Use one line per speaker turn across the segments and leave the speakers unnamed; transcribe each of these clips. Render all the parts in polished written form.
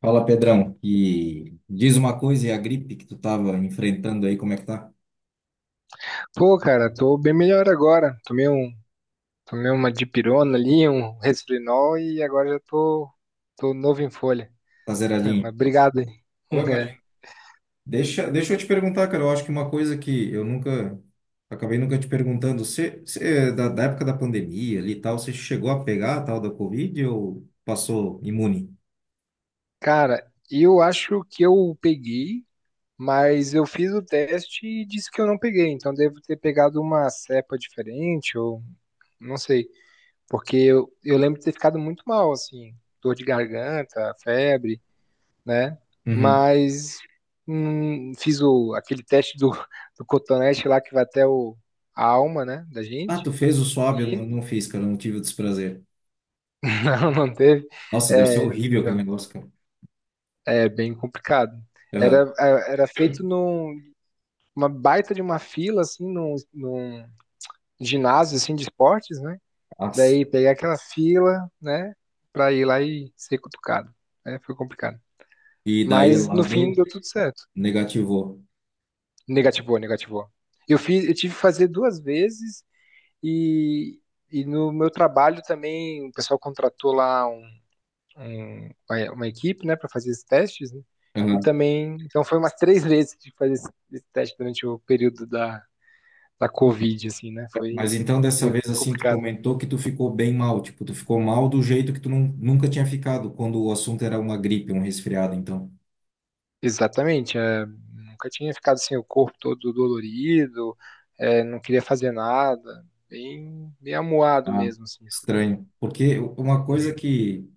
Fala, Pedrão. E diz uma coisa, e a gripe que tu tava enfrentando aí, como é que tá?
Pô, cara, tô bem melhor agora. Tomei uma dipirona ali, um resfrinol e tô novo em folha.
Tá zeradinho?
Mas obrigado, hein?
Oi,
É.
imagina. Deixa eu te perguntar, cara. Eu acho que uma coisa que eu nunca, acabei nunca te perguntando, você, da época da pandemia ali e tal, você chegou a pegar a tal da Covid ou passou imune?
Cara, eu acho que eu peguei, mas eu fiz o teste e disse que eu não peguei. Então devo ter pegado uma cepa diferente ou não sei, porque eu lembro de ter ficado muito mal, assim, dor de garganta, febre. Né?
Uhum.
Mas fiz o, aquele teste do, do cotonete lá que vai até o, a alma, né, da
Ah,
gente.
tu fez o swab? Eu não
E
fiz, cara. Eu não tive o desprazer.
não, não teve.
Nossa, deve ser
É,
horrível aquele
então,
negócio, cara.
é bem complicado.
Aham.
Era feito num uma baita de uma fila, assim, num ginásio, assim, de esportes, né?
Nossa.
Daí peguei aquela fila, né, pra ir lá e ser cutucado. É, foi complicado.
E daí
Mas
lá
no fim
deu,
deu tudo certo.
negativou.
Negativou, negativou. Eu tive que fazer duas vezes. E, e no meu trabalho também, o pessoal contratou lá uma equipe, né, para fazer esses testes, né? E também, então foi umas três vezes de fazer esse teste durante o período da, da Covid, assim, né? Foi
Mas então dessa
meio
vez assim tu
complicado.
comentou que tu ficou bem mal, tipo, tu ficou mal do jeito que nunca tinha ficado quando o assunto era uma gripe, um resfriado, então.
Exatamente, é, nunca tinha ficado assim, o corpo todo dolorido, é, não queria fazer nada, bem, bem amuado
Ah,
mesmo, assim, foi bem.
estranho. Porque uma coisa que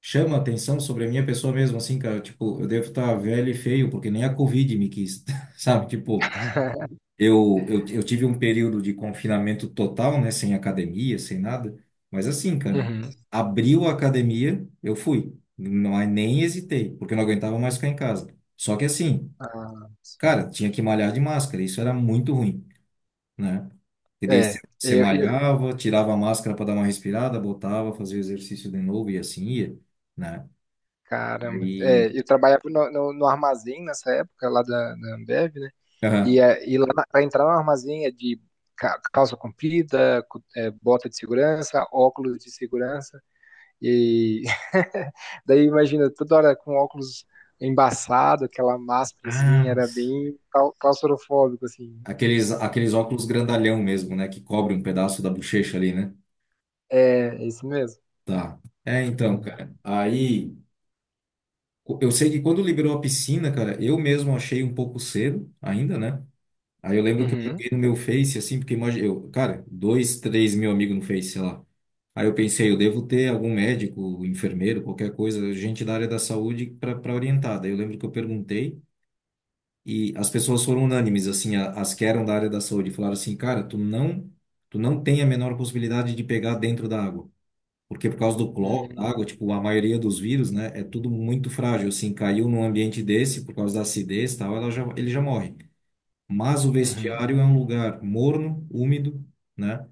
chama atenção sobre a minha pessoa mesmo assim, cara, tipo, eu devo estar velho e feio porque nem a Covid me quis, sabe? Tipo, Eu tive um período de confinamento total, né? Sem academia, sem nada. Mas assim, cara,
Uhum.
abriu a academia, eu fui. Não, aí nem hesitei, porque eu não aguentava mais ficar em casa. Só que assim,
Ah, sim.
cara, tinha que malhar de máscara. Isso era muito ruim, né? E daí
É,
você malhava, tirava a máscara para dar uma respirada, botava, fazia o exercício de novo e assim ia, né?
Caramba.
Aí,
É, eu trabalhava no armazém nessa época, lá da, da Ambev, né? E,
aham.
é, e lá para entrar no armazém é de calça comprida, é, bota de segurança, óculos de segurança. E daí imagina, toda hora com óculos embaçado, aquela máscara assim,
Ah,
era bem claustrofóbico, assim.
aqueles óculos grandalhão mesmo, né? Que cobre um pedaço da bochecha ali, né?
É, é isso mesmo.
Tá. É, então,
Uhum.
cara. Eu sei que quando liberou a piscina, cara, eu mesmo achei um pouco cedo ainda, né? Aí eu lembro que eu
Uhum.
joguei no meu Face, assim, porque imagina, eu, cara, dois, 3 mil amigos no Face, sei lá. Aí eu pensei, eu devo ter algum médico, enfermeiro, qualquer coisa, gente da área da saúde para orientar. Daí eu lembro que eu perguntei e as pessoas foram unânimes, assim, as que eram da área da saúde, falaram assim, cara, tu não tem a menor possibilidade de pegar dentro da água. Porque por causa do cloro, da
Hum,
água, tipo, a maioria dos vírus, né, é tudo muito frágil. Assim, caiu num ambiente desse, por causa da acidez e tal, ela já, ele já morre. Mas o
uhum.
vestiário é um lugar morno, úmido, né?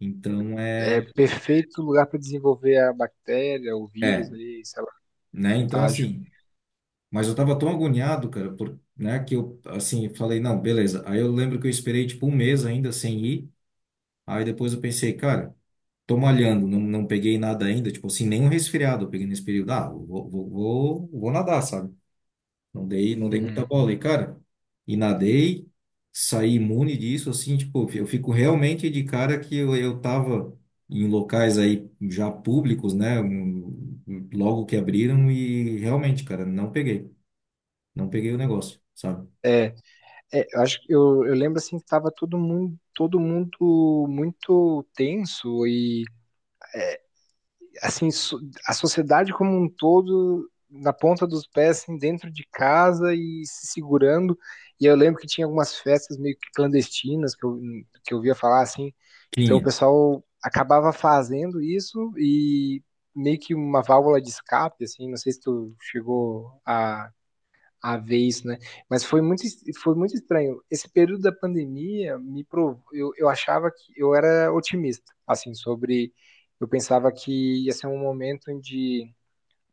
Então
É
é,
perfeito lugar para desenvolver a bactéria, o vírus
é,
ali, sei lá,
né? Então
contágio.
assim, mas eu tava tão agoniado, cara, por, né, que eu assim falei, não, beleza. Aí eu lembro que eu esperei tipo um mês ainda sem ir. Aí depois eu pensei, cara, tô malhando, não peguei nada ainda, tipo assim, nenhum resfriado eu peguei nesse período. Ah, vou nadar, sabe? Não dei muita
Uhum.
bola. E, cara, e nadei, saí imune disso, assim, tipo, eu fico realmente de cara que eu tava em locais aí já públicos, né? Logo que abriram e realmente, cara, não peguei. Não peguei o negócio, sabe?
É, é, eu acho que eu lembro assim que tava todo mundo muito tenso e assim so- a sociedade como um todo na ponta dos pés, assim, dentro de casa e se segurando. E eu lembro que tinha algumas festas meio que clandestinas que eu via falar assim. Então o
Tinha.
pessoal acabava fazendo isso e meio que uma válvula de escape, assim. Não sei se tu chegou a ver isso, né? Mas foi muito estranho. Esse período da pandemia me provou. Eu achava que eu era otimista, assim, sobre. Eu pensava que ia ser um momento em de.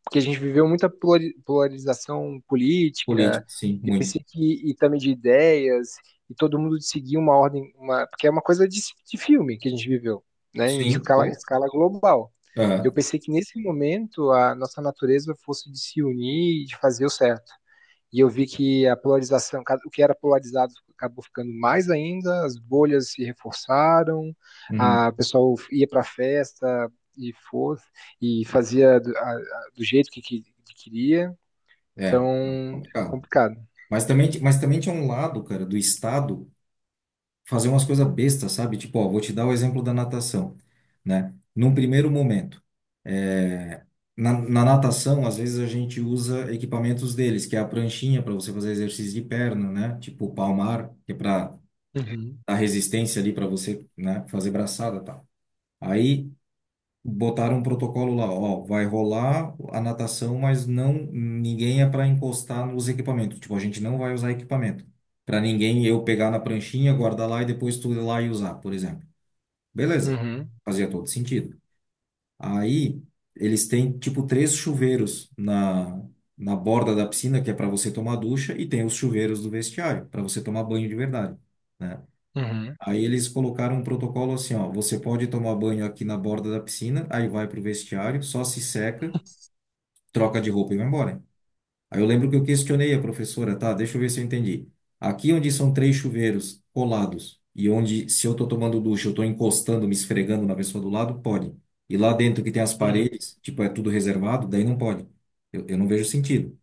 Porque a gente viveu muita polarização política,
Política, sim,
e eu
muito.
pensei que. E também de ideias, e todo mundo de seguir uma ordem. Uma, porque é uma coisa de filme que a gente viveu, né? Em
Sim, pô.
escala global.
É,
Eu pensei que nesse momento a nossa natureza fosse de se unir e de fazer o certo e eu vi que a polarização, o que era polarizado acabou ficando mais ainda, as bolhas se reforçaram,
uhum,
a o pessoal ia para a festa e for e fazia do, do jeito queria,
é, não,
então
complicado.
complicado.
Mas também, mas também tinha um lado, cara, do Estado fazer umas coisas bestas, sabe? Tipo, ó, vou te dar o exemplo da natação, né? Num primeiro momento, é, na natação, às vezes a gente usa equipamentos deles, que é a pranchinha para você fazer exercício de perna, né? Tipo, o palmar, que é para
Uhum,
dar resistência ali para você, né, fazer braçada, e tal. Aí botaram um protocolo lá, ó, vai rolar a natação, mas não ninguém é para encostar nos equipamentos. Tipo, a gente não vai usar equipamento. Para ninguém eu pegar na pranchinha, guardar lá e depois tu ir lá e usar, por exemplo. Beleza.
uhum,
Fazia todo sentido. Aí eles têm tipo três chuveiros na borda da piscina que é para você tomar ducha e tem os chuveiros do vestiário para você tomar banho de verdade, né?
uhum,
Aí eles colocaram um protocolo assim, ó, você pode tomar banho aqui na borda da piscina, aí vai pro vestiário, só se seca, troca de roupa e vai embora. Aí eu lembro que eu questionei a professora, tá, deixa eu ver se eu entendi. Aqui onde são três chuveiros colados e onde se eu tô tomando ducha, eu tô encostando, me esfregando na pessoa do lado, pode. E lá dentro que tem as
uhum.
paredes, tipo, é tudo reservado, daí não pode. Eu não vejo sentido.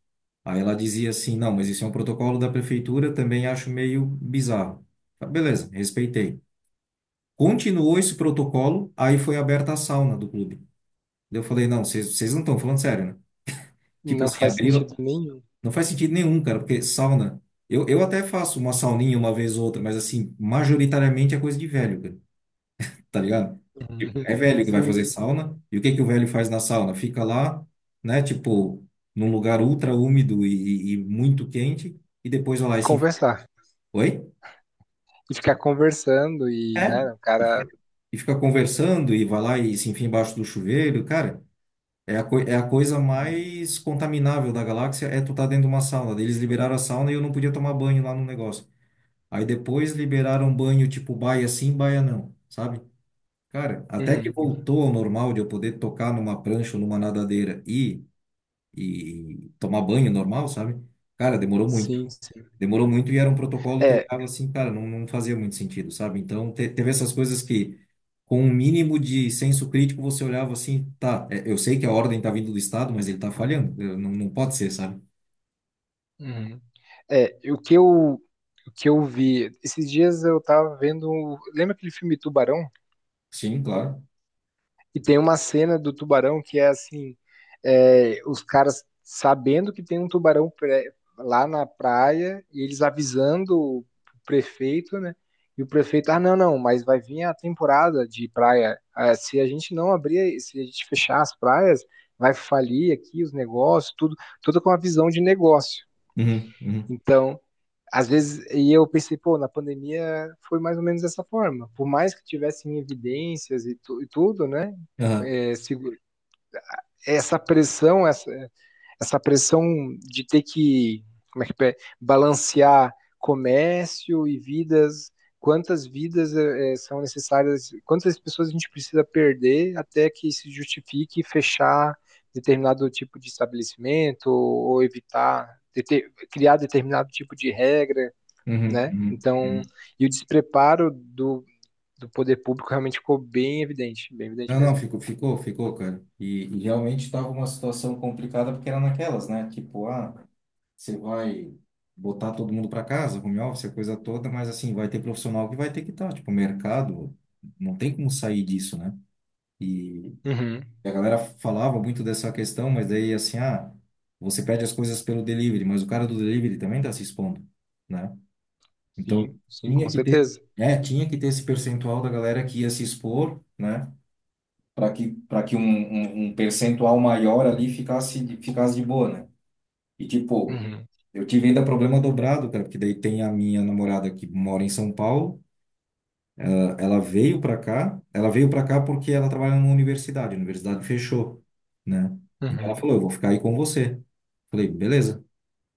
Aí ela dizia assim, não, mas isso é um protocolo da prefeitura, também acho meio bizarro. Tá, beleza, respeitei. Continuou esse protocolo, aí foi aberta a sauna do clube. Daí eu falei, não, vocês não estão falando sério, né? Tipo
Não
assim,
faz
abriram.
sentido nenhum.
Não faz sentido nenhum, cara, porque sauna. Eu até faço uma sauninha uma vez ou outra, mas assim, majoritariamente é coisa de velho, cara, tá ligado?
Uhum.
É velho que vai
Sim,
fazer
sim.
sauna. E o que que o velho faz na sauna? Fica lá, né? Tipo, num lugar ultra úmido e muito quente, e depois vai lá e se. Enfi-
Conversar.
Oi?
E ficar conversando e,
É?
né, o
E
cara.
fica, e fica conversando e vai lá e se enfia embaixo do chuveiro, cara. É é a coisa
Uhum.
mais contaminável da galáxia é tu tá dentro de uma sauna. Daí eles liberaram a sauna e eu não podia tomar banho lá no negócio. Aí depois liberaram banho tipo baia sim, baia não, sabe? Cara, até que
Uhum.
voltou ao normal de eu poder tocar numa prancha ou numa nadadeira e tomar banho normal, sabe? Cara, demorou muito.
Sim, sim.
Demorou muito e era um protocolo que eu
É.
olhava assim, cara, não fazia muito sentido, sabe? Então, teve essas coisas que, com um mínimo de senso crítico, você olhava assim, tá, é, eu sei que a ordem tá vindo do Estado, mas ele tá falhando, não, não pode ser, sabe?
Uhum. É, o que o que eu vi, esses dias eu tava vendo, lembra aquele filme Tubarão?
Sim, claro.
E tem uma cena do tubarão que é assim, é, os caras sabendo que tem um tubarão lá na praia, e eles avisando o prefeito, né? E o prefeito, ah, não, não, mas vai vir a temporada de praia. Ah, se a gente não abrir, se a gente fechar as praias, vai falir aqui os negócios, tudo, tudo com a visão de negócio.
Uhum, uhum.
Então, às vezes, e eu pensei, pô, na pandemia foi mais ou menos dessa forma. Por mais que tivessem evidências e tudo, né?
Aham,
É, essa pressão, essa pressão de ter que, como é que é, balancear comércio e vidas, quantas vidas é, é, são necessárias, quantas pessoas a gente precisa perder até que se justifique fechar determinado tipo de estabelecimento ou evitar, criar determinado tipo de regra,
uhum,
né?
uhum,
Então,
uhum.
e o despreparo do, do poder público realmente ficou bem evidente
Não, não,
mesmo.
ficou, ficou, ficou, cara. E realmente estava uma situação complicada porque era naquelas, né? Tipo, ah, você vai botar todo mundo para casa, home office, a coisa toda, mas assim, vai ter profissional que vai ter que estar, tipo, o mercado, não tem como sair disso, né? E
Uhum.
a galera falava muito dessa questão, mas daí assim, ah, você pede as coisas pelo delivery, mas o cara do delivery também tá se expondo, né? Então,
Sim, sim, com
tinha que ter,
certeza.
é, tinha que ter esse percentual da galera que ia se expor, né? Para que um percentual maior ali ficasse, ficasse de boa, né? E tipo,
Uhum.
eu tive ainda problema dobrado, cara, porque daí tem a minha namorada que mora em São Paulo. Ah, ela veio pra cá. Ela veio pra cá porque ela trabalha numa universidade. A universidade fechou, né? Então ela
Uhum.
falou, eu vou ficar aí com você. Falei, beleza.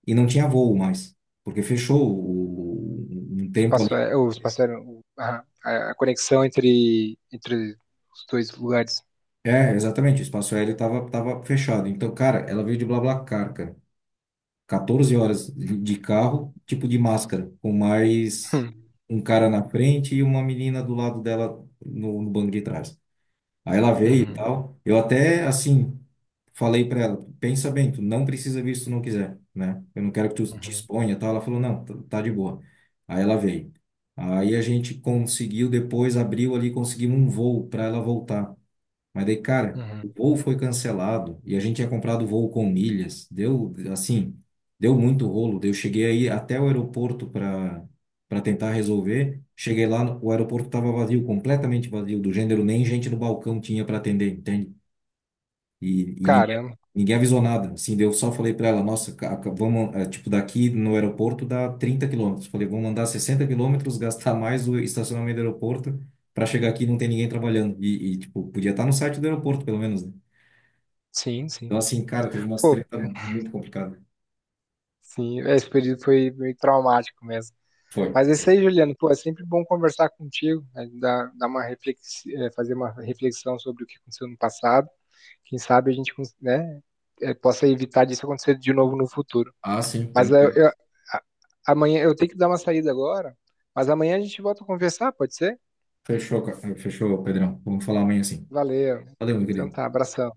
E não tinha voo mais, porque fechou um tempo
Espaço
ali.
aéreo, a conexão entre os dois lugares.
É, exatamente. O espaço aéreo tava fechado. Então, cara, ela veio de BlaBlaCar, cara. 14 horas de carro, tipo de máscara, com mais
Hum.
um cara na frente e uma menina do lado dela no, no banco de trás. Aí ela veio e
Uhum.
tal. Falei pra ela, pensa bem, tu não precisa vir se tu não quiser, né? Eu não quero que tu te
Uhum.
exponha e tal. Ela falou, não, tá de boa. Aí ela veio. Aí a gente conseguiu, depois abriu ali, conseguimos um voo para ela voltar. Mas daí, cara, o
Uhum.
voo foi cancelado e a gente tinha comprado o voo com milhas. Deu, assim, deu muito rolo. Daí eu cheguei aí até o aeroporto para tentar resolver. Cheguei lá, o aeroporto estava vazio, completamente vazio, do gênero nem gente no balcão tinha para atender, entende? E,
Caramba,
ninguém avisou nada. Assim, daí eu só falei para ela, nossa, vamos, eh, tipo, daqui no aeroporto dá 30 km. Falei, vamos andar 60 km, gastar mais o estacionamento do aeroporto para chegar aqui e não tem ninguém trabalhando. E, tipo, podia estar no site do aeroporto, pelo menos, né?
sim, sim.
Então, assim, cara, teve umas
Pô,
treta muito complicada.
sim, esse período foi meio traumático mesmo.
Foi,
Mas é isso
foi.
aí, Juliano, pô, é sempre bom conversar contigo, né? Dar uma fazer uma reflexão sobre o que aconteceu no passado. Quem sabe a gente, né, possa evitar disso acontecer de novo no futuro.
Ah, sim,
Mas
tranquilo.
amanhã eu tenho que dar uma saída agora, mas amanhã a gente volta a conversar, pode ser?
Fechou, fechou, Pedrão. Vamos falar amanhã, sim.
Valeu.
Valeu, meu
Então
querido.
tá, abração.